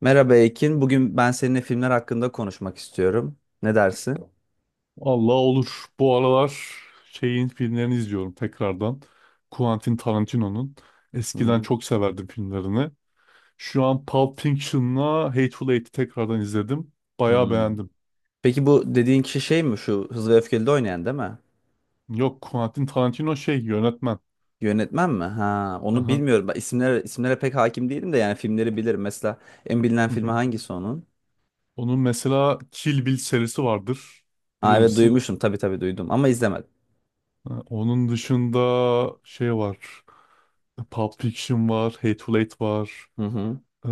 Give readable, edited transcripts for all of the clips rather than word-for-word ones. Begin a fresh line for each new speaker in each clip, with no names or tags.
Merhaba Ekin. Bugün ben seninle filmler hakkında konuşmak istiyorum. Ne dersin?
Allah olur. Bu aralar şeyin filmlerini izliyorum tekrardan. Quentin Tarantino'nun. Eskiden
Hmm.
çok severdim filmlerini. Şu an Pulp Fiction'la Hateful Eight'i tekrardan izledim. Bayağı
Hmm.
beğendim.
Peki bu dediğin kişi şey mi? Şu Hızlı ve Öfkeli'de oynayan değil mi?
Yok Quentin Tarantino şey yönetmen.
Yönetmen mi? Ha, onu
Aha.
bilmiyorum. Ben isimlere pek hakim değilim de yani filmleri bilirim. Mesela en bilinen
Hı hı.
filmi hangisi onun?
Onun mesela Kill Bill serisi vardır. Bilir
Ha, evet
misin?
duymuşum. Tabii tabii duydum ama izlemedim.
Ha, onun dışında şey var. Pulp Fiction var, Hateful Eight var.
Hı hı.
Ee,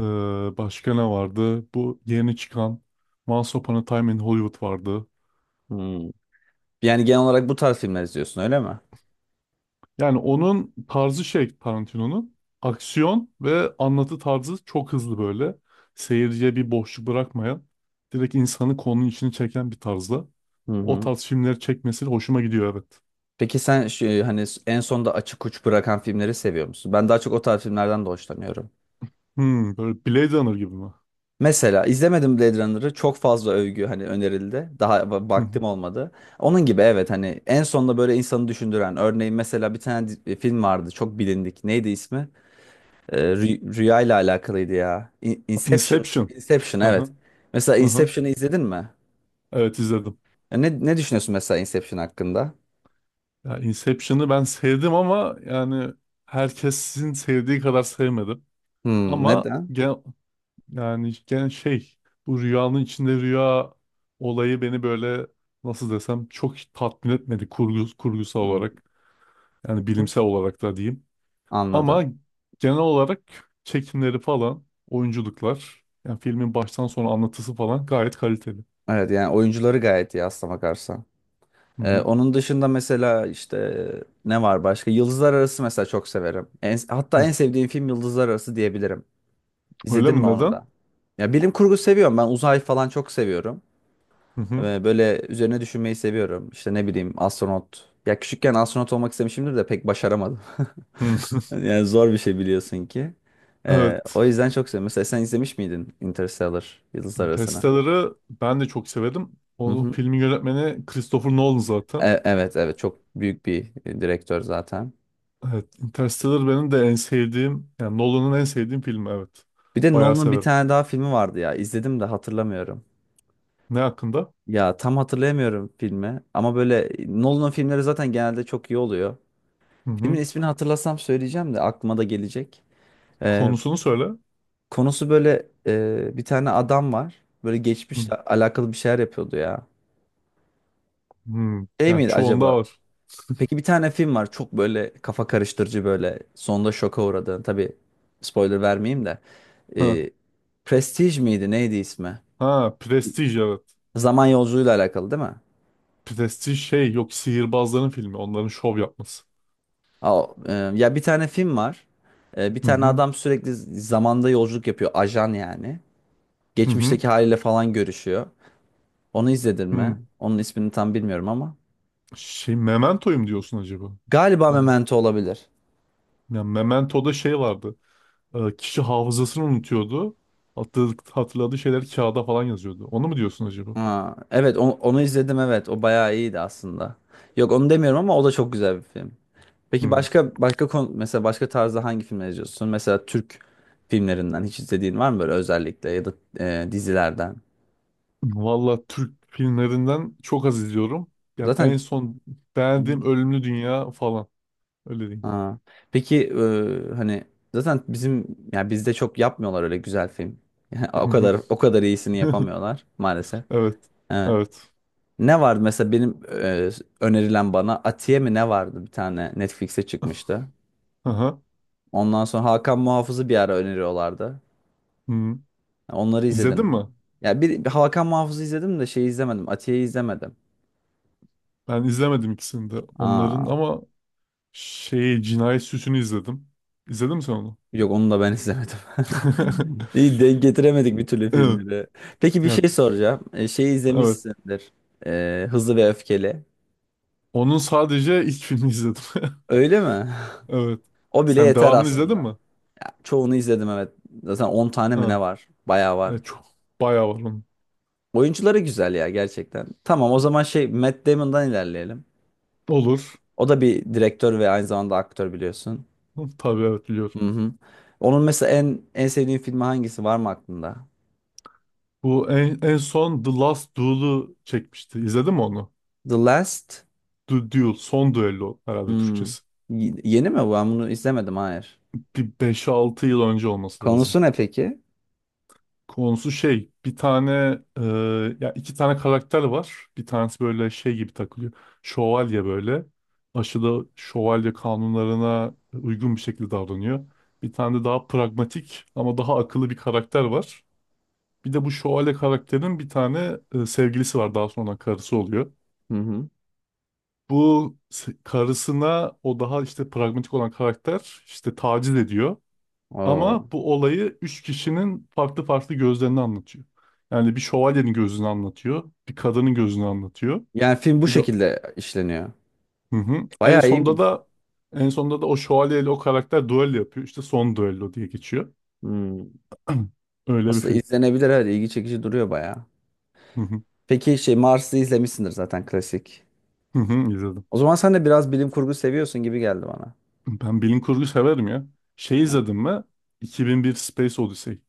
Başka ne vardı? Bu yeni çıkan Once Upon a Time in Hollywood vardı.
Hmm. Yani genel olarak bu tarz filmler izliyorsun öyle mi?
Yani onun tarzı şey Tarantino'nun. Aksiyon ve anlatı tarzı çok hızlı böyle. Seyirciye bir boşluk bırakmayan, direkt insanı konunun içine çeken bir tarzda.
Hı
O
hı.
tarz filmleri çekmesi hoşuma gidiyor, evet.
Peki sen şu, hani en sonda açık uç bırakan filmleri seviyor musun? Ben daha çok o tarz filmlerden de hoşlanıyorum.
Hmm, böyle Blade Runner gibi mi?
Mesela izlemedim Blade Runner'ı çok fazla övgü hani önerildi. Daha
Hı hı.
vaktim olmadı. Onun gibi evet hani en sonunda böyle insanı düşündüren örneğin mesela bir tane film vardı çok bilindik. Neydi ismi? Rüya ile alakalıydı ya. Inception.
Inception.
Inception evet.
Aha,
Mesela
aha.
Inception'ı izledin mi?
Evet, izledim.
Ya Ne düşünüyorsun mesela Inception hakkında?
Ya Inception'ı ben sevdim ama yani herkesin sevdiği kadar sevmedim.
Hmm,
Ama
neden?
gen, yani gen şey bu rüyanın içinde rüya olayı beni böyle nasıl desem çok tatmin etmedi, kurgusal
Hmm,
olarak, yani bilimsel olarak da diyeyim.
anladım.
Ama genel olarak çekimleri falan, oyunculuklar, yani filmin baştan sona anlatısı falan gayet kaliteli.
Evet yani oyuncuları gayet iyi aslına bakarsan.
Hı hı.
Onun dışında mesela işte ne var başka? Yıldızlar Arası mesela çok severim. En, hatta
Hı.
en sevdiğim film Yıldızlar Arası diyebilirim.
Öyle
İzledin
mi,
mi onu
neden?
da? Ya bilim kurgu seviyorum. Ben uzay falan çok seviyorum.
Hı hı.
Böyle üzerine düşünmeyi seviyorum. İşte ne bileyim astronot. Ya küçükken astronot olmak istemişimdir de pek başaramadım.
Hı.
Yani zor bir şey biliyorsun ki.
Evet.
O yüzden çok seviyorum. Mesela sen izlemiş miydin Interstellar Yıldızlar Arası'na?
Interstellar'ı ben de çok severim.
Hı
O
hı.
filmin yönetmeni Christopher Nolan zaten.
Evet evet çok büyük bir direktör zaten.
Evet, Interstellar benim de en sevdiğim, yani Nolan'ın en sevdiğim filmi, evet.
Bir de
Bayağı
Nolan'ın bir
severim.
tane daha filmi vardı ya. İzledim de hatırlamıyorum.
Ne hakkında?
Ya tam hatırlayamıyorum filmi. Ama böyle Nolan'ın filmleri zaten genelde çok iyi oluyor.
Hı
Filmin
hı.
ismini hatırlasam söyleyeceğim de aklıma da gelecek. Ee,
Konusunu söyle.
Konusu böyle bir tane adam var. Böyle
Hı
geçmişle alakalı bir şeyler yapıyordu ya.
hı.
Şey
Yani
miydi
çoğunda
acaba?
var.
Peki bir tane film var. Çok böyle kafa karıştırıcı böyle. Sonunda şoka uğradığın. Tabii spoiler vermeyeyim de.
Ha,
Ee, Prestige miydi? Neydi ismi?
ha, Prestige, evet.
Zaman yolculuğuyla alakalı değil mi?
Prestige şey yok, sihirbazların filmi, onların şov yapması.
Ya bir tane film var. Bir
Hı
tane
hı.
adam sürekli zamanda yolculuk yapıyor. Ajan yani.
Hı hı.
Geçmişteki haliyle falan görüşüyor. Onu izledin mi?
Hı.
Onun ismini tam bilmiyorum ama.
Şey Memento'yum diyorsun acaba?
Galiba
Tamam.
Memento olabilir.
Yani Memento'da şey vardı. Kişi hafızasını unutuyordu. Hatırladığı şeyler kağıda falan yazıyordu. Onu mu diyorsun acaba?
Ha, evet onu, izledim evet. O bayağı iyiydi aslında. Yok onu demiyorum ama o da çok güzel bir film. Peki
Hı.
başka başka konu, mesela başka tarzda hangi filmler izliyorsun? Mesela Türk filmlerinden hiç izlediğin var mı böyle özellikle ya da dizilerden?
Valla Türk filmlerinden çok az izliyorum. Ya en
Zaten
son beğendiğim Ölümlü Dünya falan. Öyle diyeyim.
ha. Peki hani zaten bizim yani bizde çok yapmıyorlar öyle güzel film. Yani o
Hı hı.
kadar o kadar iyisini yapamıyorlar maalesef.
Evet.
Evet.
Evet.
Ne vardı mesela benim önerilen bana Atiye mi ne vardı bir tane Netflix'e çıkmıştı.
Aha.
Ondan sonra Hakan Muhafız'ı bir ara öneriyorlardı.
Hı. Hmm.
Onları izledim
İzledin
mi?
mi?
Ya bir Hakan Muhafız'ı izledim de şeyi izlemedim. Atiye'yi izlemedim.
Ben izlemedim ikisini de. Onların
Aa.
ama şey Cinayet Süsü'nü izledim. İzledin mi sen onu?
Yok onu da ben izlemedim. İyi denk getiremedik bir türlü
Evet.
filmleri. Peki bir
Ya,
şey soracağım. Şeyi
evet.
izlemişsindir. Hızlı ve Öfkeli.
Onun sadece ilk filmi izledim.
Öyle mi?
Evet.
O bile
Sen
yeter
devamını, evet, izledin
aslında.
mi?
Ya, çoğunu izledim evet. Zaten 10 tane mi ne
Ha.
var? Bayağı var.
Evet, çok bayağı var onun.
Oyuncuları güzel ya gerçekten. Tamam o zaman şey Matt Damon'dan ilerleyelim.
Olur.
O da bir direktör ve aynı zamanda aktör biliyorsun.
Tabii, evet, biliyorum.
Hı hı. Onun mesela en sevdiğin filmi hangisi var mı aklında?
Bu en son The Last Duel'u çekmişti. İzledin mi onu?
The Last
The Duel, son düello herhalde
hmm.
Türkçesi.
Yeni mi bu? Ben bunu izlemedim. Hayır.
Bir 5-6 yıl önce olması lazım.
Konusu ne peki?
Konusu şey, bir tane, e, ya iki tane karakter var. Bir tanesi böyle şey gibi takılıyor. Şövalye böyle. Aşırı şövalye kanunlarına uygun bir şekilde davranıyor. Bir tane de daha pragmatik ama daha akıllı bir karakter var. Bir de bu şövalye karakterin bir tane sevgilisi var. Daha sonra karısı oluyor.
Hı hı.
Bu karısına o daha işte pragmatik olan karakter işte taciz ediyor.
Oo.
Ama bu olayı üç kişinin farklı farklı gözlerini anlatıyor. Yani bir şövalyenin gözünü anlatıyor, bir kadının gözünü anlatıyor.
Yani film bu
Bir de
şekilde işleniyor.
hı hı. En
Bayağı
sonda
iyiymiş.
da en sonda da o şövalyeyle o karakter düello yapıyor. İşte son düello diye geçiyor.
Hmm.
Öyle bir
Aslında
film.
izlenebilir evet. ilgi çekici duruyor bayağı.
Hı hı.
Peki şey Mars'ı izlemişsindir zaten klasik.
Hı hı, izledim.
O zaman sen de biraz bilim kurgu seviyorsun gibi geldi bana.
Ben bilim kurgu severim ya. Şey
Ha.
izledim mi? 2001 Space Odyssey.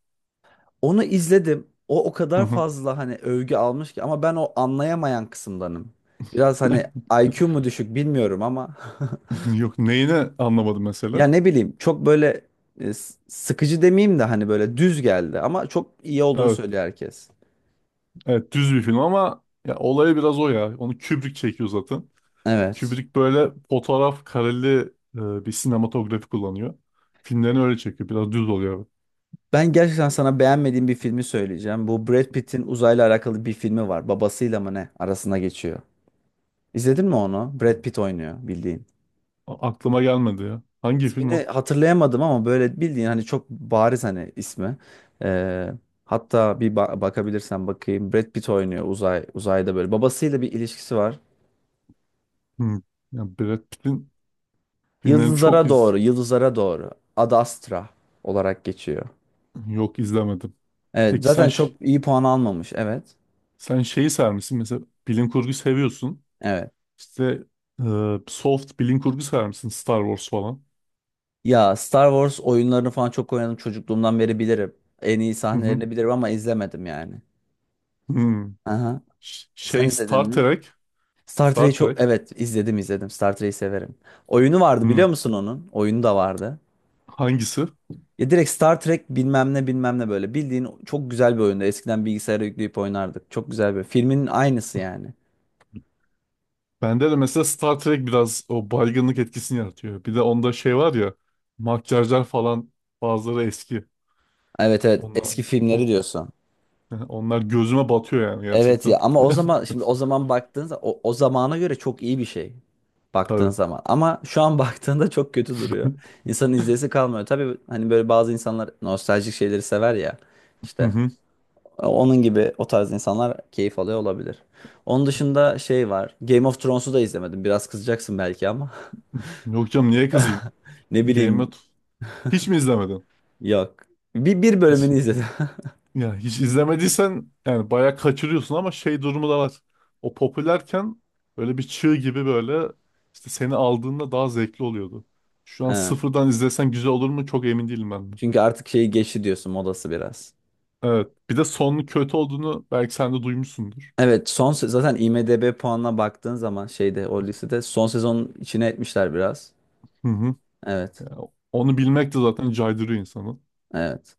Onu izledim. O o
Hı
kadar
hı.
fazla hani övgü almış ki ama ben o anlayamayan kısımdanım. Biraz hani IQ mu düşük bilmiyorum ama
Yok, neyini anlamadım mesela?
ya ne bileyim çok böyle sıkıcı demeyeyim de hani böyle düz geldi ama çok iyi olduğunu
Evet,
söylüyor herkes.
evet, düz bir film ama ya olayı biraz o ya. Onu Kubrick çekiyor zaten.
Evet.
Kubrick böyle fotoğraf kareli bir sinematografi kullanıyor. Filmlerini öyle çekiyor. Biraz düz oluyor.
Ben gerçekten sana beğenmediğim bir filmi söyleyeceğim. Bu Brad Pitt'in uzayla alakalı bir filmi var. Babasıyla mı ne? Arasına geçiyor. İzledin mi onu? Brad Pitt oynuyor bildiğin.
Aklıma gelmedi ya. Hangi film
İsmini
o?
hatırlayamadım ama böyle bildiğin hani çok bariz hani ismi. Ee, Hatta bir bakabilirsen bakayım. Brad Pitt oynuyor uzayda böyle. Babasıyla bir ilişkisi var.
Hmm. Ya Brad Pitt'in filmlerini çok
Yıldızlara doğru, yıldızlara doğru. Ad Astra olarak geçiyor.
yok, izlemedim.
Evet,
Peki sen
zaten çok iyi puan almamış. Evet.
sen şeyi sever misin? Mesela bilim kurgu seviyorsun.
Evet.
İşte soft bilim kurgu sever misin? Star Wars falan.
Ya Star Wars oyunlarını falan çok oynadım çocukluğumdan beri bilirim. En iyi
Hı hı.
sahnelerini bilirim ama izlemedim yani.
Hmm.
Aha. Sen
Şey
izledin
Star
mi?
Trek.
Star
Star
Trek'i
Trek.
çok evet izledim izledim. Star Trek'i severim. Oyunu vardı
Hmm.
biliyor musun onun? Oyunu da vardı.
Hangisi?
Ya direkt Star Trek bilmem ne bilmem ne böyle. Bildiğin çok güzel bir oyunda. Eskiden bilgisayara yükleyip oynardık. Çok güzel bir. Filmin aynısı yani.
Bende de mesela Star Trek biraz o baygınlık etkisini yaratıyor. Bir de onda şey var ya, makyajlar falan, bazıları eski.
Evet evet
Onlar,
eski filmleri
oh,
diyorsun.
onlar gözüme batıyor yani,
Evet ya
gerçekten.
ama o zaman şimdi o zaman baktığınızda o zamana göre çok iyi bir şey baktığın
Tabii.
zaman ama şu an baktığında çok kötü duruyor. İnsanın izleyesi kalmıyor. Tabii hani böyle bazı insanlar nostaljik şeyleri sever ya
Hı
işte
hı.
onun gibi o tarz insanlar keyif alıyor olabilir. Onun dışında şey var Game of Thrones'u da izlemedim biraz kızacaksın belki ama
Yok canım, niye kızayım?
ne
Game
bileyim
of... Hiç mi izlemedin?
yok bir
Hiç,
bölümünü izledim.
ya hiç izlemediysen yani bayağı kaçırıyorsun ama şey durumu da var. O popülerken böyle bir çığ gibi böyle işte seni aldığında daha zevkli oluyordu. Şu an
Ha,
sıfırdan izlesen güzel olur mu çok emin değilim ben de.
çünkü artık şeyi geçti diyorsun modası biraz.
Evet. Bir de sonun kötü olduğunu belki sen de duymuşsundur.
Evet zaten IMDb puanına baktığın zaman şeyde o listede son sezonun içine etmişler biraz.
Hı hı.
Evet.
Yani onu bilmek de zaten caydırıyor insanı.
Evet.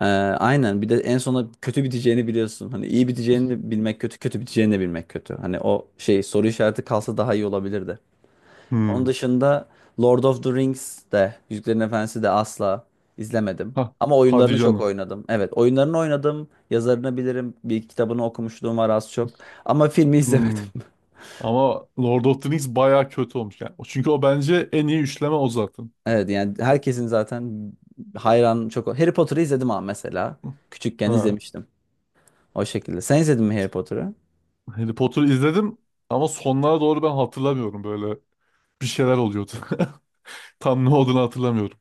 Aynen bir de en sona kötü biteceğini biliyorsun. Hani iyi biteceğini de bilmek kötü, kötü biteceğini de bilmek kötü. Hani o şey soru işareti kalsa daha iyi olabilirdi. Onun
Hı.
dışında Lord of the Rings de Yüzüklerin Efendisi de asla izlemedim.
Hah.
Ama
Hadi
oyunlarını çok
canım.
oynadım. Evet, oyunlarını oynadım. Yazarını bilirim. Bir iki kitabını okumuşluğum var az çok. Ama filmi izlemedim.
Hı. Ama Lord of the Rings bayağı kötü olmuş yani. Çünkü o bence en iyi üçleme, o zaten.
Evet yani herkesin zaten hayran çok. Harry Potter'ı izledim ama mesela. Küçükken
Ha.
izlemiştim. O şekilde. Sen izledin mi Harry Potter'ı?
Harry Potter'ı izledim ama sonlara doğru ben hatırlamıyorum, böyle bir şeyler oluyordu. Tam ne olduğunu hatırlamıyorum.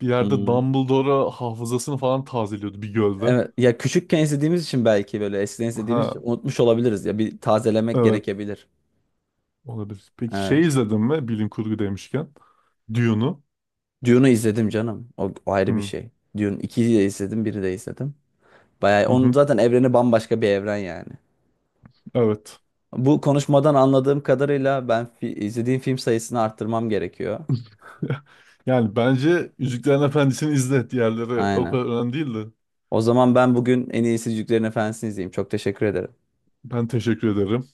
Bir yerde
Hmm.
Dumbledore'a hafızasını falan tazeliyordu bir gölde.
Evet ya küçükken izlediğimiz için belki böyle eskiden izlediğimiz için
Ha,
unutmuş olabiliriz ya bir tazelemek
evet.
gerekebilir.
Olabilir. Peki şey
Evet.
izledin mi? Bilim kurgu demişken. Dune'u.
Dune'u izledim canım. O, o ayrı bir
Hı,
şey. Dune 2'yi de izledim, biri de izledim. Bayağı
hı
onun
hı.
zaten evreni bambaşka bir evren yani.
Evet.
Bu konuşmadan anladığım kadarıyla ben izlediğim film sayısını arttırmam gerekiyor.
Yani bence Yüzüklerin Efendisi'ni izle. Diğerleri o
Aynen.
kadar önemli değil de.
O zaman ben bugün en iyisi Yüzüklerin Efendisi'ni izleyeyim. Çok teşekkür ederim.
Ben teşekkür ederim.